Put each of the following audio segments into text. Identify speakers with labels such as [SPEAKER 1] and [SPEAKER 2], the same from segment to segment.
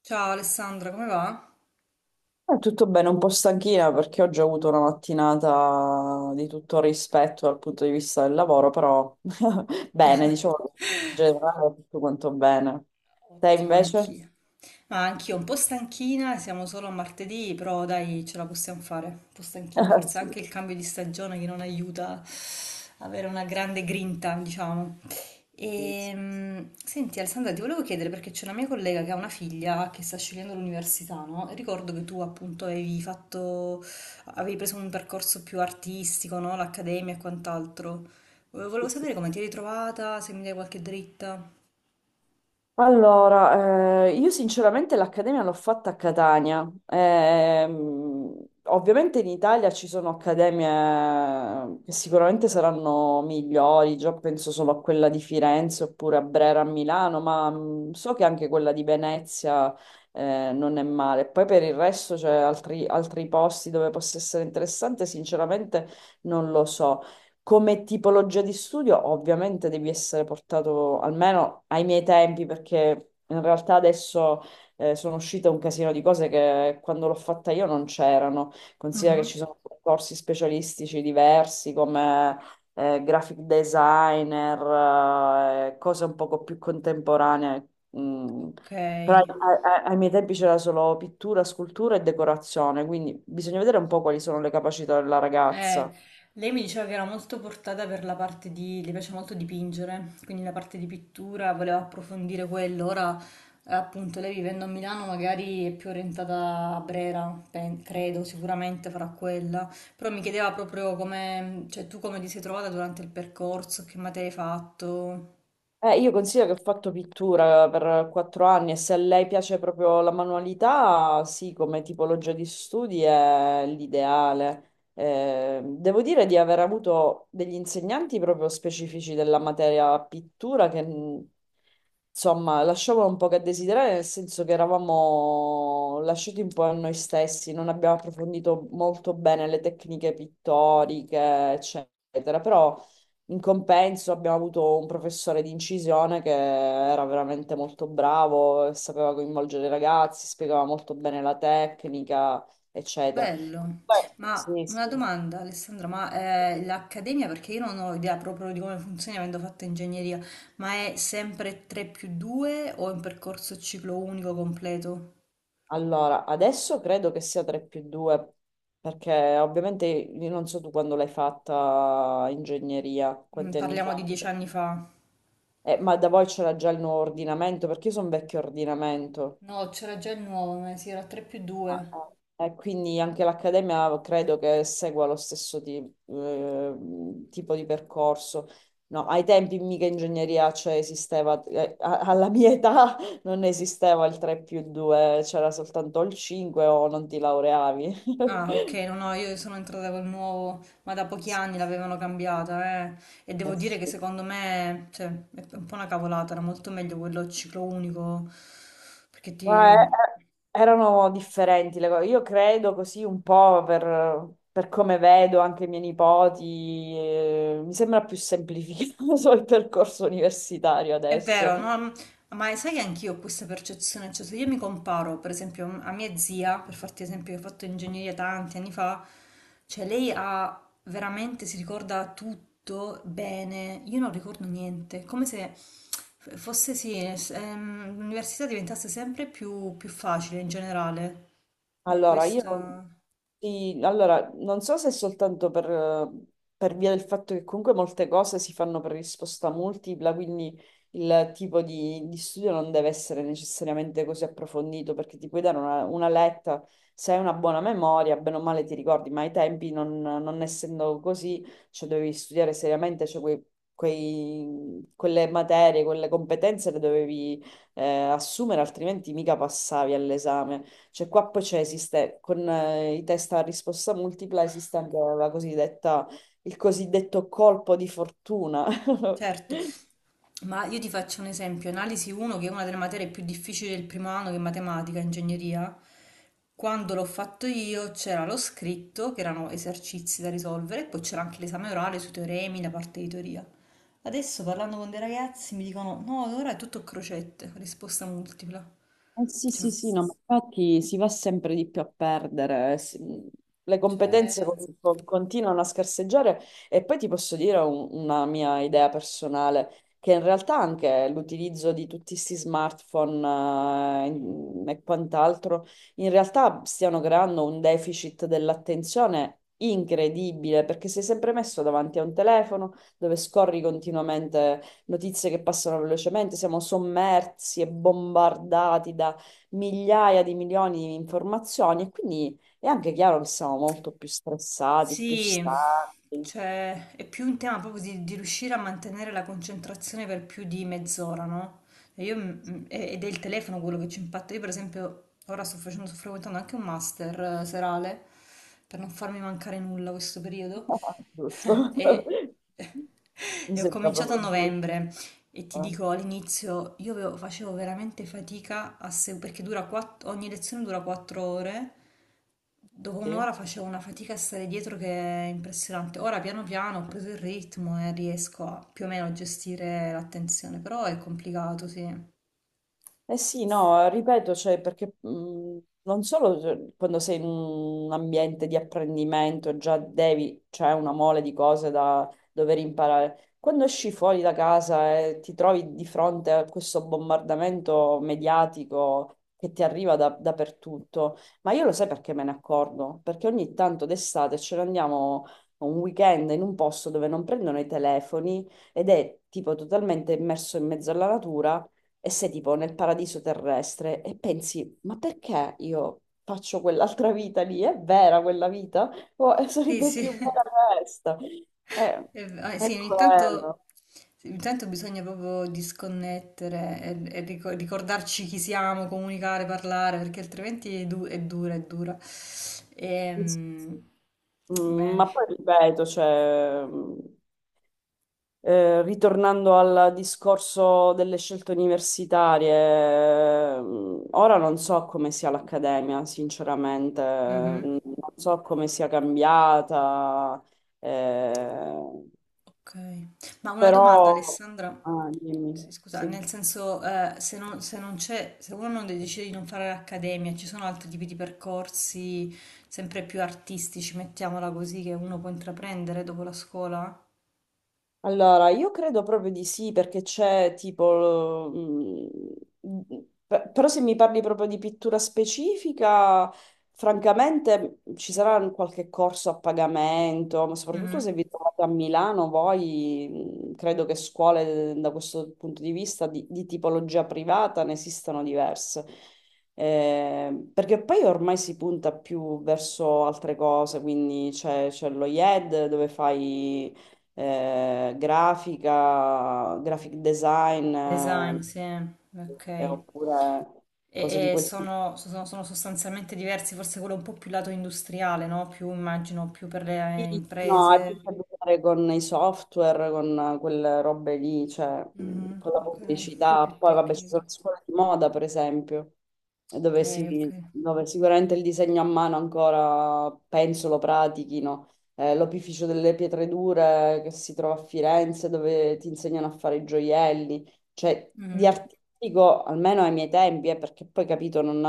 [SPEAKER 1] Ciao Alessandra, come va?
[SPEAKER 2] Tutto bene, un po' stanchina perché oggi ho avuto una mattinata di tutto rispetto dal punto di vista del lavoro, però bene, diciamo, in generale tutto quanto bene. Te
[SPEAKER 1] Ottimo,
[SPEAKER 2] invece?
[SPEAKER 1] anch'io. Ma anch'io un po' stanchina, siamo solo a martedì, però dai, ce la possiamo fare. Un po' stanchina, forse anche il cambio di stagione che non aiuta a avere una grande grinta, diciamo.
[SPEAKER 2] Sì, sì,
[SPEAKER 1] E, senti Alessandra, ti volevo chiedere perché c'è una mia collega che ha una figlia che sta scegliendo l'università, no? E ricordo che tu appunto avevi preso un percorso più artistico, no? L'accademia e quant'altro.
[SPEAKER 2] sì,
[SPEAKER 1] Volevo
[SPEAKER 2] sì.
[SPEAKER 1] sapere come ti eri trovata, se mi dai qualche dritta.
[SPEAKER 2] Allora, io sinceramente l'accademia l'ho fatta a Catania. Ovviamente in Italia ci sono accademie che sicuramente saranno migliori, già penso solo a quella di Firenze oppure a Brera a Milano, ma so che anche quella di Venezia, non è male. Poi per il resto c'è altri posti dove possa essere interessante, sinceramente non lo so. Come tipologia di studio, ovviamente devi essere portato almeno ai miei tempi, perché in realtà adesso sono uscite un casino di cose che quando l'ho fatta io non c'erano. Considera che
[SPEAKER 1] Mhm.
[SPEAKER 2] ci sono corsi specialistici diversi come graphic designer, cose un poco più contemporanee. Mm.
[SPEAKER 1] Ok.
[SPEAKER 2] Però ai miei tempi c'era solo pittura, scultura e decorazione, quindi bisogna vedere un po' quali sono le capacità della
[SPEAKER 1] Eh,
[SPEAKER 2] ragazza.
[SPEAKER 1] lei mi diceva che era molto portata per la parte di, le piace molto dipingere, quindi la parte di pittura, voleva approfondire quello, ora appunto lei vivendo a Milano magari è più orientata a Brera, credo, sicuramente farà quella, però mi chiedeva proprio come, cioè tu come ti sei trovata durante il percorso, che materia hai fatto.
[SPEAKER 2] Io considero che ho fatto pittura per 4 anni e se a lei piace proprio la manualità, sì, come tipologia di studi è l'ideale. Devo dire di aver avuto degli insegnanti proprio specifici della materia pittura che, insomma, lasciavano un po' che desiderare, nel senso che eravamo lasciati un po' a noi stessi, non abbiamo approfondito molto bene le tecniche pittoriche, eccetera, però. In compenso abbiamo avuto un professore di incisione che era veramente molto bravo, e sapeva coinvolgere i ragazzi, spiegava molto bene la tecnica, eccetera.
[SPEAKER 1] Bello,
[SPEAKER 2] Comunque,
[SPEAKER 1] ma
[SPEAKER 2] sì,
[SPEAKER 1] una
[SPEAKER 2] sì.
[SPEAKER 1] domanda Alessandra, ma l'accademia, perché io non ho idea proprio di come funzioni avendo fatto ingegneria, ma è sempre 3 più 2 o è un percorso ciclo unico completo?
[SPEAKER 2] Allora, adesso credo che sia 3 più 2, perché ovviamente io non so tu quando l'hai fatta ingegneria, quanti anni
[SPEAKER 1] Parliamo
[SPEAKER 2] fa.
[SPEAKER 1] di 10 anni fa.
[SPEAKER 2] Ma da voi c'era già il nuovo ordinamento, perché io sono vecchio ordinamento.
[SPEAKER 1] No, c'era già il nuovo, ma sì, era 3 più
[SPEAKER 2] Ah,
[SPEAKER 1] 2.
[SPEAKER 2] eh. E quindi anche l'Accademia credo che segua lo stesso eh, tipo di percorso. No, ai tempi mica ingegneria, cioè esisteva, alla mia età non esisteva il 3 più 2, c'era soltanto il 5 o non ti laureavi.
[SPEAKER 1] Ah, ok, no, no, io sono entrata col nuovo, ma da pochi anni l'avevano cambiata, eh. E devo
[SPEAKER 2] Eh
[SPEAKER 1] dire
[SPEAKER 2] sì.
[SPEAKER 1] che secondo me, cioè, è un po' una cavolata, era molto meglio quello ciclo unico, perché
[SPEAKER 2] Ma,
[SPEAKER 1] ti...
[SPEAKER 2] erano differenti le cose. Io credo così un po' per come vedo anche i miei nipoti, mi sembra più semplificato il percorso universitario
[SPEAKER 1] È
[SPEAKER 2] adesso.
[SPEAKER 1] vero, no? Ma sai che anch'io ho questa percezione, cioè se io mi comparo per esempio a mia zia, per farti esempio che ho fatto ingegneria tanti anni fa, cioè lei ha veramente, si ricorda tutto bene, io non ricordo niente, come se fosse sì, l'università diventasse sempre più facile in generale, ho
[SPEAKER 2] Allora, io,
[SPEAKER 1] questa...
[SPEAKER 2] sì, allora, non so se è soltanto per via del fatto che comunque molte cose si fanno per risposta multipla, quindi il tipo di studio non deve essere necessariamente così approfondito, perché ti puoi dare una letta, se hai una buona memoria, bene o male ti ricordi, ma ai tempi non essendo così, cioè dovevi studiare seriamente, cioè quelle materie, quelle competenze le dovevi assumere, altrimenti mica passavi all'esame. Cioè qua poi c'è, esiste, con i test a risposta multipla esiste anche la cosiddetta, il cosiddetto colpo di fortuna.
[SPEAKER 1] Certo, ma io ti faccio un esempio, analisi 1 che è una delle materie più difficili del primo anno che è matematica, ingegneria, quando l'ho fatto io c'era lo scritto, che erano esercizi da risolvere, e poi c'era anche l'esame orale sui teoremi, la parte di teoria. Adesso parlando con dei ragazzi mi dicono no, ora è tutto crocette, risposta multipla.
[SPEAKER 2] Eh sì,
[SPEAKER 1] Cioè,
[SPEAKER 2] sì, sì, no, ma infatti si va sempre di più a perdere, le
[SPEAKER 1] cioè,
[SPEAKER 2] competenze continuano a scarseggiare e poi ti posso dire una mia idea personale, che in realtà anche l'utilizzo di tutti questi smartphone e quant'altro, in realtà stiano creando un deficit dell'attenzione incredibile, perché sei sempre messo davanti a un telefono dove scorri continuamente notizie che passano velocemente, siamo sommersi e bombardati da migliaia di milioni di informazioni e quindi è anche chiaro che siamo molto più stressati, più
[SPEAKER 1] Sì,
[SPEAKER 2] stanchi.
[SPEAKER 1] cioè è più un tema proprio di riuscire a mantenere la concentrazione per più di mezz'ora, no? E io, ed è il telefono quello che ci impatta. Io, per esempio, ora sto frequentando anche un master serale per non farmi mancare nulla questo periodo.
[SPEAKER 2] Giusto?
[SPEAKER 1] E,
[SPEAKER 2] Mi
[SPEAKER 1] e ho
[SPEAKER 2] sembra
[SPEAKER 1] cominciato a
[SPEAKER 2] proprio giusto.
[SPEAKER 1] novembre. E ti
[SPEAKER 2] Eh?
[SPEAKER 1] dico, all'inizio io facevo veramente fatica a se- perché dura ogni lezione dura 4 ore. Dopo
[SPEAKER 2] Sì.
[SPEAKER 1] un'ora facevo una fatica a stare dietro che è impressionante. Ora piano piano ho preso il ritmo e riesco a più o meno a gestire l'attenzione, però è complicato, sì.
[SPEAKER 2] Eh sì, no, ripeto, cioè, perché non solo cioè, quando sei in un ambiente di apprendimento già devi, c'è una mole di cose da dover imparare. Quando esci fuori da casa e ti trovi di fronte a questo bombardamento mediatico che ti arriva dappertutto, ma io lo sai perché me ne accorgo? Perché ogni tanto d'estate ce ne andiamo un weekend in un posto dove non prendono i telefoni ed è tipo totalmente immerso in mezzo alla natura e sei tipo nel paradiso terrestre e pensi, ma perché io faccio quell'altra vita lì? È vera quella vita? O
[SPEAKER 1] Sì,
[SPEAKER 2] sarebbe
[SPEAKER 1] sì.
[SPEAKER 2] più bella questa? Eh,
[SPEAKER 1] Ah,
[SPEAKER 2] è quello.
[SPEAKER 1] sì, ogni tanto bisogna proprio disconnettere e ricordarci chi siamo, comunicare, parlare, perché altrimenti è dura, è dura.
[SPEAKER 2] Sì, sì.
[SPEAKER 1] Ehm, Bene.
[SPEAKER 2] Ma poi ripeto, cioè, ritornando al discorso delle scelte universitarie, ora non so come sia l'accademia, sinceramente,
[SPEAKER 1] Mhm.
[SPEAKER 2] non so come sia cambiata. eh,
[SPEAKER 1] Ok. Ma una domanda,
[SPEAKER 2] Però,
[SPEAKER 1] Alessandra.
[SPEAKER 2] ah, dimmi,
[SPEAKER 1] Sì, scusa,
[SPEAKER 2] sì.
[SPEAKER 1] nel senso, se uno non decide di non fare l'accademia, ci sono altri tipi di percorsi sempre più artistici, mettiamola così, che uno può intraprendere dopo la scuola?
[SPEAKER 2] Allora, io credo proprio di sì, perché c'è tipo, mm, Però se mi parli proprio di pittura specifica, francamente ci sarà un qualche corso a pagamento, ma soprattutto
[SPEAKER 1] Mhm.
[SPEAKER 2] se vi trovate a Milano, voi credo che scuole da questo punto di vista di tipologia privata ne esistano diverse. Perché poi ormai si punta più verso altre cose, quindi c'è lo IED dove fai grafica, graphic design,
[SPEAKER 1] Design, sì, ok.
[SPEAKER 2] oppure cose di
[SPEAKER 1] E
[SPEAKER 2] quel tipo.
[SPEAKER 1] sono sostanzialmente diversi, forse quello è un po' più lato industriale, no? Più immagino, più per
[SPEAKER 2] Sì.
[SPEAKER 1] le
[SPEAKER 2] No, ha
[SPEAKER 1] imprese.
[SPEAKER 2] più a che fare con i software, con quelle robe lì, cioè
[SPEAKER 1] Mhm,
[SPEAKER 2] con la
[SPEAKER 1] ok,
[SPEAKER 2] pubblicità.
[SPEAKER 1] più
[SPEAKER 2] Poi vabbè, ci sono
[SPEAKER 1] tecnico.
[SPEAKER 2] le scuole di moda, per esempio, e
[SPEAKER 1] Ok, ok.
[SPEAKER 2] dove sicuramente il disegno a mano ancora, penso, lo pratichino. L'opificio delle pietre dure che si trova a Firenze, dove ti insegnano a fare i gioielli. Cioè, di
[SPEAKER 1] Mhm,
[SPEAKER 2] artistico, almeno ai miei tempi, perché poi capito,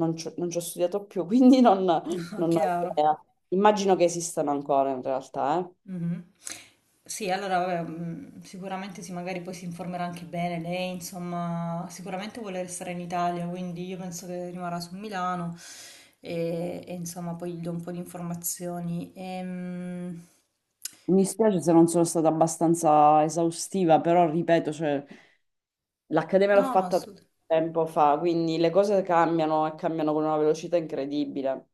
[SPEAKER 2] non ci ho studiato più, quindi non non ho
[SPEAKER 1] Chiaro.
[SPEAKER 2] idea. Immagino che esistano ancora in realtà, eh.
[SPEAKER 1] Mhm. Sì, allora, vabbè, sicuramente sì, magari poi si informerà anche bene lei, insomma, sicuramente vuole restare in Italia, quindi io penso che rimarrà su Milano e insomma poi gli do un po' di informazioni.
[SPEAKER 2] Mi spiace se non sono stata abbastanza esaustiva, però ripeto, cioè, l'accademia l'ho
[SPEAKER 1] No,
[SPEAKER 2] fatta
[SPEAKER 1] assolutamente.
[SPEAKER 2] tempo fa, quindi le cose cambiano e cambiano con una velocità incredibile.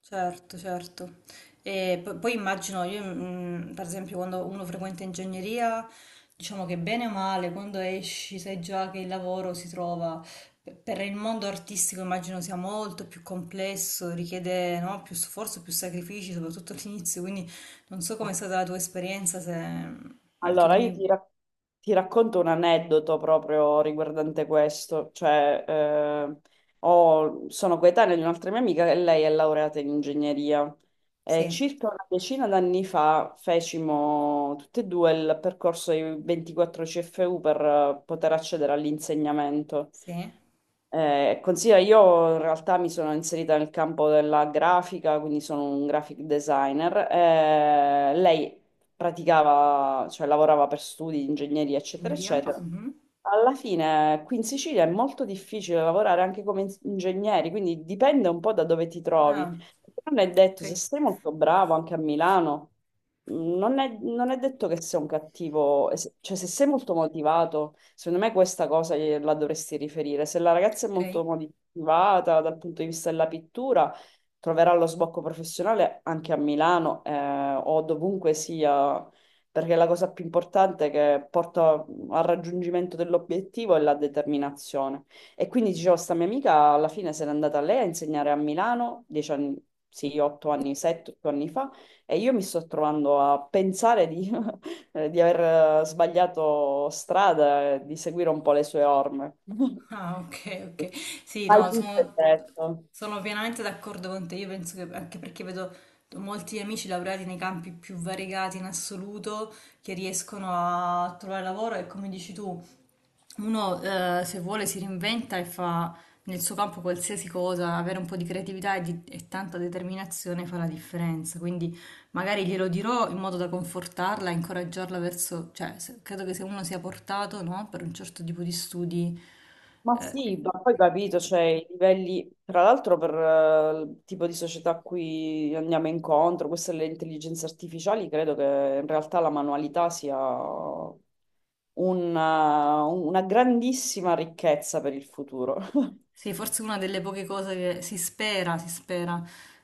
[SPEAKER 1] Certo, certo. E poi immagino, io per esempio quando uno frequenta ingegneria, diciamo che bene o male, quando esci sai già che il lavoro si trova. Per il mondo artistico immagino sia molto più complesso, richiede, no, più sforzo, più sacrifici, soprattutto all'inizio, quindi non so com'è stata la tua esperienza, se anche lì
[SPEAKER 2] Allora, io ti,
[SPEAKER 1] mi...
[SPEAKER 2] rac- ti racconto un aneddoto proprio riguardante questo, cioè sono coetanea di un'altra mia amica e lei è laureata in ingegneria e
[SPEAKER 1] Sì,
[SPEAKER 2] circa una decina d'anni fa fecimo tutte e due il percorso dei 24 CFU per poter accedere all'insegnamento.
[SPEAKER 1] sì,
[SPEAKER 2] Considera, io in realtà mi sono inserita nel campo della grafica, quindi sono un graphic designer. Lei praticava, cioè lavorava per studi di ingegneria, eccetera,
[SPEAKER 1] ingegneria.
[SPEAKER 2] eccetera.
[SPEAKER 1] Mhm.
[SPEAKER 2] Alla fine qui in Sicilia è molto difficile lavorare anche come ingegneri, quindi dipende un po' da dove ti trovi.
[SPEAKER 1] Ah,
[SPEAKER 2] Non è
[SPEAKER 1] ok,
[SPEAKER 2] detto, se sei molto bravo anche a Milano, non è detto che sei un cattivo, cioè se sei molto motivato, secondo me questa cosa gliela dovresti riferire. Se la ragazza è
[SPEAKER 1] ok.
[SPEAKER 2] molto motivata dal punto di vista della pittura, troverà lo sbocco professionale anche a Milano o dovunque sia, perché la cosa più importante che porta al raggiungimento dell'obiettivo è la determinazione. E quindi dicevo, sta mia amica alla fine se n'è andata lei a insegnare a Milano, 10 anni, sì, 8 anni, 7, 8 anni fa, e io mi sto trovando a pensare di, di aver sbagliato strada, e di seguire un po' le sue orme.
[SPEAKER 1] Ah, ok, ok. Sì,
[SPEAKER 2] Hai
[SPEAKER 1] no,
[SPEAKER 2] tutto e
[SPEAKER 1] sono,
[SPEAKER 2] detto.
[SPEAKER 1] sono pienamente d'accordo con te. Io penso che anche perché vedo molti amici laureati nei campi più variegati in assoluto che riescono a trovare lavoro e come dici tu, uno se vuole si reinventa e fa nel suo campo qualsiasi cosa, avere un po' di creatività e tanta determinazione fa la differenza. Quindi magari glielo dirò in modo da confortarla, incoraggiarla verso, cioè credo che se uno sia portato, no, per un certo tipo di studi,
[SPEAKER 2] Ma sì,
[SPEAKER 1] eh,
[SPEAKER 2] ma poi capito, cioè i livelli, tra l'altro per il tipo di società a cui andiamo incontro, queste le intelligenze artificiali, credo che in realtà la manualità sia una grandissima ricchezza per il futuro.
[SPEAKER 1] sì, forse una delle poche cose che si spera,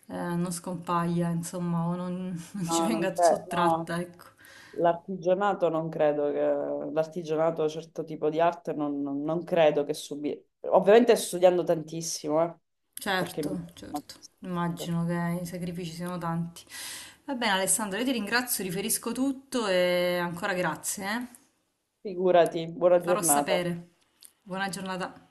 [SPEAKER 1] non scompaia, insomma, o non, non ci
[SPEAKER 2] No, non
[SPEAKER 1] venga
[SPEAKER 2] credo, no,
[SPEAKER 1] sottratta, ecco.
[SPEAKER 2] l'artigianato non credo che, l'artigianato, certo tipo di arte, non credo che subire. Ovviamente studiando tantissimo, perché mi.
[SPEAKER 1] Certo, certo, immagino che i sacrifici siano tanti. Va bene Alessandro, io ti ringrazio, riferisco tutto e ancora grazie, eh.
[SPEAKER 2] Figurati, buona
[SPEAKER 1] Ti farò
[SPEAKER 2] giornata.
[SPEAKER 1] sapere. Buona giornata.